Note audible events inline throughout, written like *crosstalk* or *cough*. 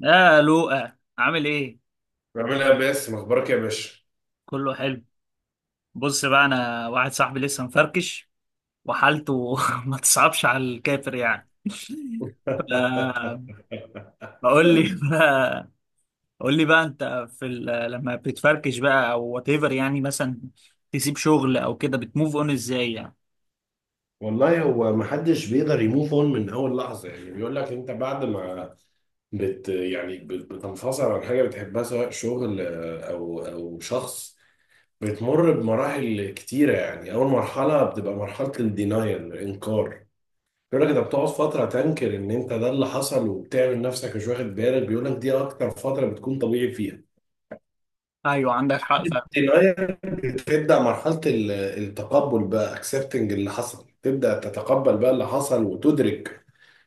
يا لوقا، عامل ايه؟ بعملها بس مخبرك يا باشا. كله حلو. بص بقى، انا واحد صاحبي لسه مفركش، وحالته *laughs* ما تصعبش على الكافر يعني. ف- *laughs* فقول لي بقى قول لي بقى، انت في لما بتفركش بقى، او وات ايفر يعني، مثلا تسيب شغل او كده بتموف اون ازاي يعني؟ والله هو ما حدش بيقدر يموف اون من اول لحظه. يعني بيقول لك انت بعد ما بتنفصل عن حاجه بتحبها، سواء شغل، او شخص، بتمر بمراحل كتيره. يعني اول مرحله بتبقى مرحله الدينايل، الانكار. بيقول لك انت بتقعد فتره تنكر ان انت ده اللي حصل، وبتعمل نفسك مش واخد بالك. بيقول لك دي اكتر فتره بتكون طبيعي فيها. ايوه، عندك حق فعلا. تبدأ مرحلة التقبل بقى، اكسبتنج اللي حصل، تبدأ تتقبل بقى اللي حصل وتدرك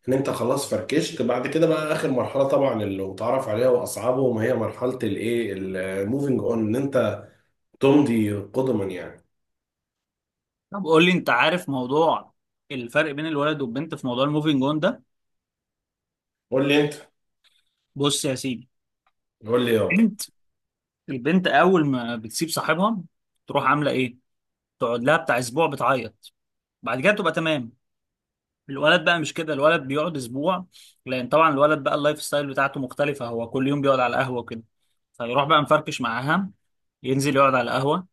ان انت خلاص فركشت. بعد كده بقى اخر مرحلة، طبعا اللي متعرف عليها واصعبهم، هي مرحلة الايه، الموفينج اون، ان انت تمضي قدما يعني. طب قول لي، انت عارف موضوع الفرق بين الولد والبنت في موضوع الموفينج اون ده؟ قول لي انت. بص يا سيدي. قول لي يابا. البنت البنت اول ما بتسيب صاحبها تروح عامله ايه؟ تقعد لها بتاع اسبوع بتعيط، بعد كده تبقى تمام. الولد بقى مش كده، الولد بيقعد اسبوع، لان طبعا الولد بقى اللايف ستايل بتاعته مختلفه، هو كل يوم بيقعد على القهوه وكده. فيروح بقى مفركش معاها، ينزل يقعد على القهوه،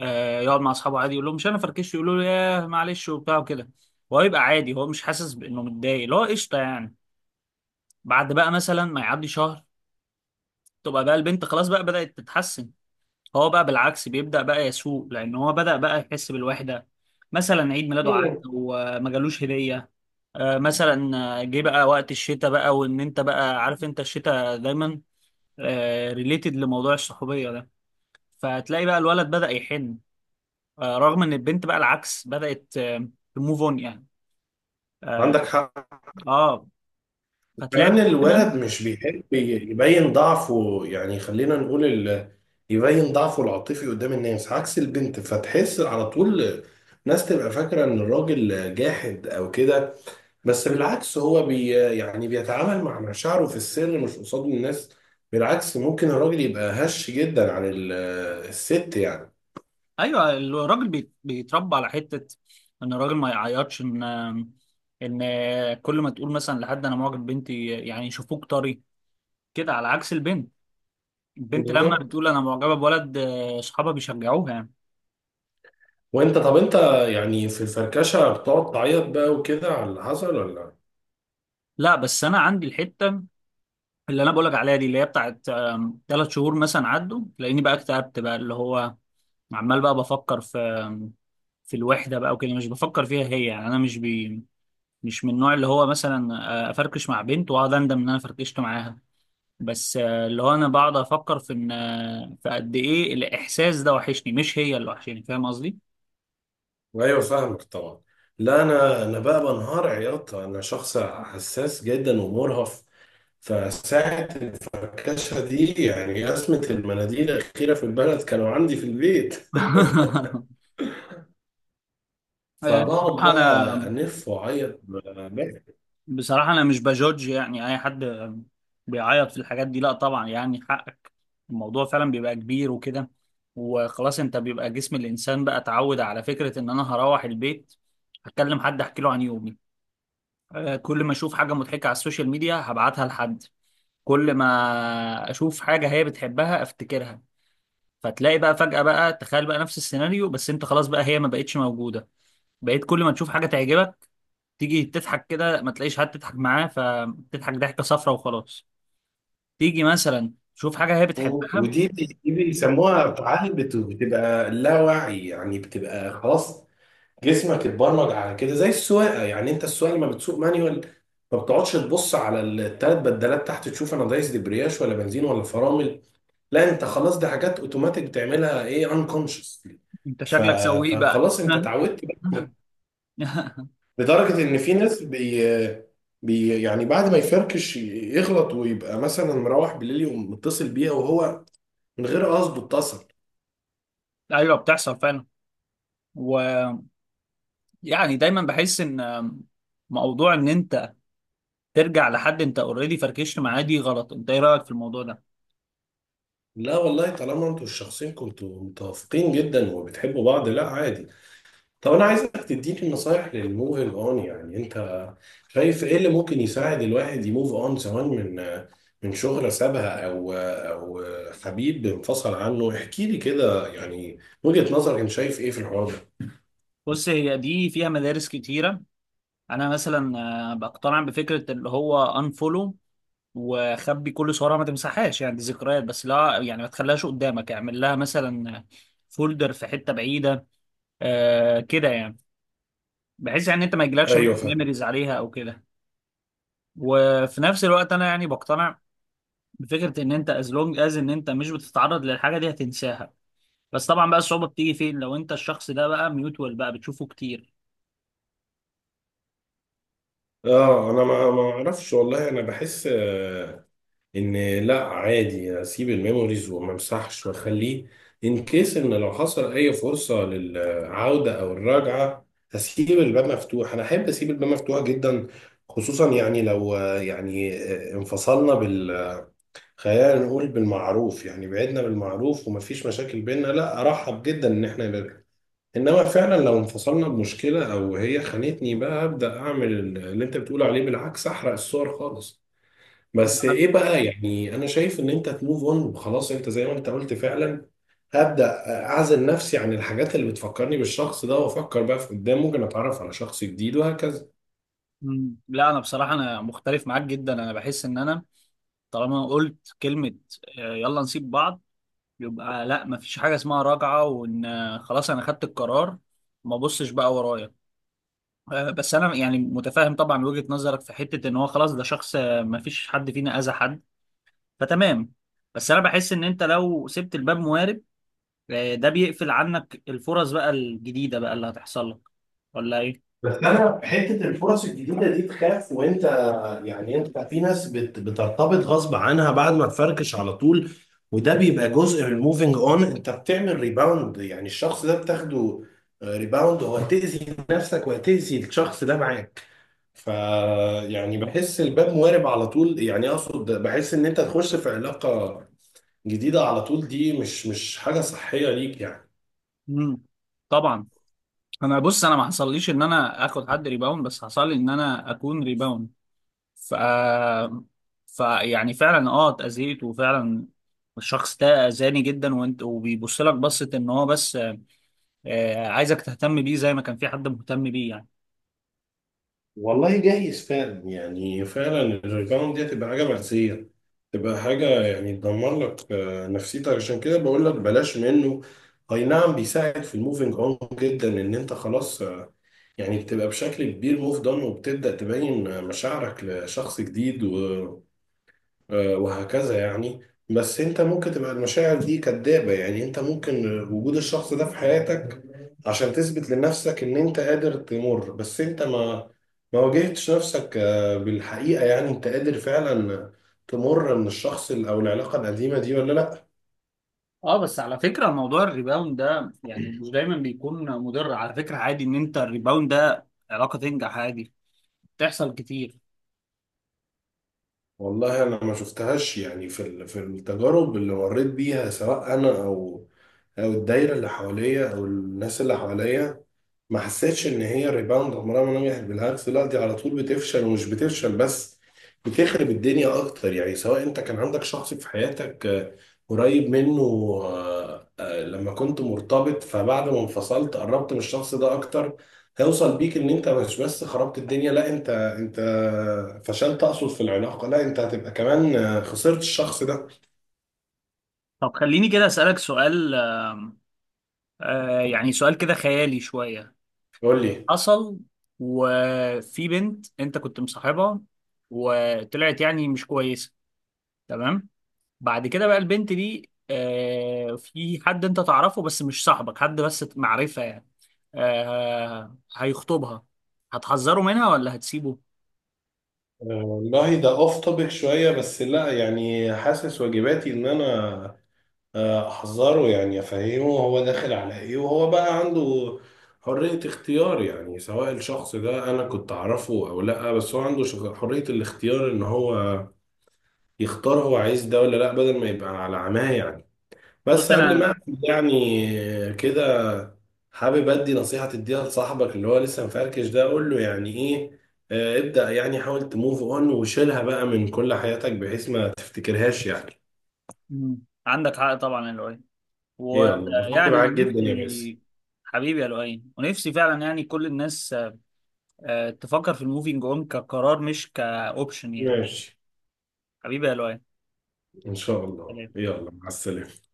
آه يقعد مع اصحابه عادي، يقول لهم مش انا فركشت، يقولوا له ياه معلش وبتاع وكده. هو يبقى عادي، هو مش حاسس بانه متضايق، اللي هو قشطه يعني. بعد بقى مثلا ما يعدي شهر، تبقى بقى البنت خلاص بقى بدأت تتحسن، هو بقى بالعكس بيبدأ بقى يسوق، لأن هو بدأ بقى يحس بالوحدة. مثلا عيد ميلاده عدى ايه، وما جالوش هدية، مثلا جه بقى وقت الشتاء، بقى وإن أنت بقى عارف أنت الشتاء دايما ريليتد لموضوع الصحوبية ده. فهتلاقي بقى الولد بدأ يحن، رغم إن البنت بقى العكس بدأت تموف أون يعني. آه عندك حق. آه، فتلاقي كمان بقى دايما. الولد مش بيحب يبين ضعفه، يعني خلينا نقول يبين ضعفه العاطفي قدام الناس، عكس البنت فتحس على طول. ناس تبقى فاكرة ان الراجل جاحد او كده، بس بالعكس يعني بيتعامل مع مشاعره في السر مش قصاد الناس. بالعكس ممكن الراجل يبقى هش جدا عن الست يعني. ايوه، الراجل بيتربى على حته ان الراجل ما يعيطش، ان كل ما تقول مثلا لحد انا معجب بنتي، يعني يشوفوك طري كده، على عكس البنت. البنت لما بالظبط. بتقول انا معجبه بولد، صحابها بيشجعوها يعني. وانت طب انت، يعني في الفركشة بتقعد تعيط بقى وكده على اللي حصل ولا؟ لا بس انا عندي الحته اللي انا بقولك عليها دي، اللي هي بتاعت 3 شهور مثلا عدوا، لاني بقى اكتئبت بقى، اللي هو عمال بقى بفكر في الوحده بقى وكده، مش بفكر فيها هي يعني. انا مش من النوع اللي هو مثلا افركش مع بنت واقعد اندم ان انا فركشت معاها. بس اللي هو انا بقعد افكر في ان في قد ايه الاحساس ده وحشني، مش هي اللي وحشاني، فاهم قصدي؟ ايوه، فاهمك طبعا. لا، انا بقى بنهار عياط، انا شخص حساس جدا ومرهف. فساعة الفركشة دي يعني أزمة المناديل الأخيرة في البلد كانوا عندي في البيت. *laughs* *laughs* فبقعد بصراحه انا بقى أنف وأعيط بقى. بصراحه انا مش بجوج يعني اي حد بيعيط في الحاجات دي، لا طبعا يعني حقك، الموضوع فعلا بيبقى كبير وكده. وخلاص انت بيبقى جسم الانسان بقى اتعود على فكره ان انا هروح البيت هتكلم حد احكي له عن يومي، كل ما اشوف حاجه مضحكه على السوشيال ميديا هبعتها لحد، كل ما اشوف حاجه هي بتحبها افتكرها. فتلاقي بقى فجأة بقى، تخيل بقى نفس السيناريو، بس انت خلاص بقى هي ما بقتش موجودة. بقيت كل ما تشوف حاجة تعجبك تيجي تضحك كده ما تلاقيش حد تضحك معاه، فتضحك ضحكة صفرة وخلاص، تيجي مثلا تشوف حاجة هي بتحبها. ودي بيسموها تعالي، بتبقى لا وعي يعني، بتبقى خلاص جسمك اتبرمج على كده. زي السواقه يعني، انت السواقه لما بتسوق مانيوال ما بتقعدش تبص على الثلاث بدلات تحت تشوف انا دايس دبرياش ولا بنزين ولا فرامل. لا، انت خلاص دي حاجات اوتوماتيك بتعملها، ايه، انكونشس. انت ف... شكلك سويق بقى. فخلاص انت اتعودت بقى. *laughs* لدرجه ان في ناس بي... بي يعني بعد ما يفركش يغلط ويبقى مثلا مروح بالليل، يقوم متصل بيها وهو من غير قصده اتصل. ايوه بتحصل فعلا، ويعني دايما بحس ان موضوع ان انت ترجع لحد انت اوريدي فركشت معاه دي غلط. انت ايه رأيك في الموضوع ده؟ لا والله، طالما انتوا الشخصين كنتوا متوافقين جدا وبتحبوا بعض، لا عادي. طب انا عايزك تديني نصايح للموفينج اون. يعني انت شايف ايه اللي ممكن يساعد الواحد يموف اون، سواء من شغلة سابها او حبيب انفصل عنه؟ احكي لي كده يعني وجهة نظرك، انت شايف ايه في الحوار ده. بص، هي دي فيها مدارس كتيرة. انا مثلا بقتنع بفكره اللي هو انفولو وخبي كل صورها، ما تمسحهاش يعني دي ذكريات، بس لا يعني ما تخليهاش قدامك، اعمل لها مثلا فولدر في حته بعيده آه كده يعني، بحيث يعني انت ما يجيلكش مثلا ايوه، فاهم. ميموريز عليها او كده. وفي نفس الوقت انا يعني بقتنع بفكره ان انت از لونج از ان انت مش بتتعرض للحاجه دي هتنساها. بس طبعا بقى الصعوبه بتيجي فين؟ لو انت الشخص ده بقى ميوتوال بقى بتشوفه كتير. اه، انا ما اعرفش. والله انا بحس ان... لا، عادي اسيب الميموريز وما امسحش واخليه، ان كيس ان لو حصل اي فرصه للعوده او الرجعه هسيب الباب مفتوح. انا احب اسيب الباب مفتوح جدا، خصوصا يعني لو يعني انفصلنا خلينا نقول بالمعروف، يعني بعدنا بالمعروف ومفيش مشاكل بينا، لا ارحب جدا ان احنا نرجع. انما فعلا لو انفصلنا بمشكله او هي خانتني بقى، ابدا اعمل اللي انت بتقول عليه، بالعكس احرق الصور خالص. لا بس ايه بقى، يعني انا شايف ان انت تموف اون وخلاص. انت زي ما انت قلت فعلا، هبدأ اعزل نفسي عن الحاجات اللي بتفكرني بالشخص ده، وافكر بقى في قدام، ممكن اتعرف على شخص جديد وهكذا. مم. لا انا بصراحه انا مختلف معاك جدا. انا بحس ان انا طالما قلت كلمة يلا نسيب بعض، يبقى لا مفيش حاجة اسمها راجعة، وان خلاص انا خدت القرار ما بصش بقى ورايا. بس انا يعني متفاهم طبعا وجهة نظرك في حتة ان هو خلاص ده شخص، مفيش حد فينا اذى حد، فتمام. بس انا بحس ان انت لو سبت الباب موارب، ده بيقفل عنك الفرص بقى الجديدة بقى اللي هتحصل لك، ولا ايه؟ بس انا حته الفرص الجديده دي تخاف. وانت يعني انت في ناس بترتبط غصب عنها بعد ما تفركش على طول، وده بيبقى جزء من الموفينج اون، انت بتعمل ريباوند. يعني الشخص ده بتاخده ريباوند، وهتأذي نفسك وهتأذي الشخص ده معاك. ف يعني بحس الباب موارب على طول، يعني اقصد بحس ان انت تخش في علاقة جديدة على طول، دي مش حاجة صحية ليك يعني. مم. طبعا. انا بص، انا ما حصليش ان انا اخد حد ريباوند، بس حصل لي ان انا اكون ريباوند. ف فيعني فعلا اه اتأذيت، وفعلا الشخص ده أذاني جدا، وانت وبيبص لك بصة ان هو بس عايزك تهتم بيه زي ما كان في حد مهتم بيه يعني. والله جايز فعلا، يعني فعلا الريباوند دي هتبقى حاجة مأساة، تبقى حاجة يعني تدمر لك نفسيتك، عشان كده بقول لك بلاش منه. اي نعم بيساعد في الموفينج اون جدا، ان انت خلاص يعني بتبقى بشكل كبير موف دون وبتبدأ تبين مشاعرك لشخص جديد، وهكذا يعني. بس انت ممكن تبقى المشاعر دي كدابة، يعني انت ممكن وجود الشخص ده في حياتك عشان تثبت لنفسك ان انت قادر تمر، بس انت ما واجهتش نفسك بالحقيقة. يعني انت قادر فعلا تمر من الشخص او العلاقة القديمة دي ولا لا؟ اه بس على فكرة موضوع الريباوند ده يعني مش دايما بيكون مضر، على فكرة عادي ان انت الريباوند ده علاقة تنجح عادي، بتحصل كتير. والله انا ما شفتهاش، يعني في في التجارب اللي مريت بيها، سواء انا او الدايرة اللي حواليا او الناس اللي حواليا، ما حسيتش ان هي ريباوند. عمرها ما نجحت، بالعكس، لا دي على طول بتفشل. ومش بتفشل بس، بتخرب الدنيا اكتر. يعني سواء انت كان عندك شخص في حياتك قريب منه، لما كنت مرتبط، فبعد ما انفصلت قربت من الشخص ده اكتر، هيوصل بيك ان انت مش بس خربت الدنيا، لا انت فشلت، اقصد في العلاقة، لا انت هتبقى كمان خسرت الشخص ده. طب خليني كده أسألك سؤال، يعني سؤال كده خيالي شوية. قول لي. حصل وفي بنت انت كنت مصاحبها، وطلعت يعني مش كويسه، تمام، بعد كده بقى البنت دي في حد انت تعرفه، بس مش صاحبك، حد بس معرفه يعني، هيخطبها، هتحذره منها ولا هتسيبه؟ والله ده اوف توبيك شوية، بس لا يعني حاسس واجباتي ان انا احذره، يعني افهمه هو داخل على ايه، وهو بقى عنده حرية اختيار. يعني سواء الشخص ده انا كنت اعرفه او لا، بس هو عنده حرية الاختيار ان هو يختار هو عايز ده ولا لا، بدل ما يبقى على عماه يعني. بص بس قبل انا، ما أقفل يعني كده، حابب ادي نصيحة تديها لصاحبك اللي هو لسه مفركش ده، اقول له يعني ايه. ابدأ يعني حاول تموف اون وشيلها بقى من كل حياتك، بحيث ما تفتكرهاش يعني. مم. عندك حق طبعا يا لؤي. يلا اتبسطت ويعني انا معاك جدا يا باسم. نفسي، حبيبي يا لؤي، ونفسي فعلا يعني كل الناس تفكر في الموفينج اون كقرار مش كاوبشن يعني. ماشي، حبيبي يا لؤي. إن شاء الله. سلام. يلا مع السلامة.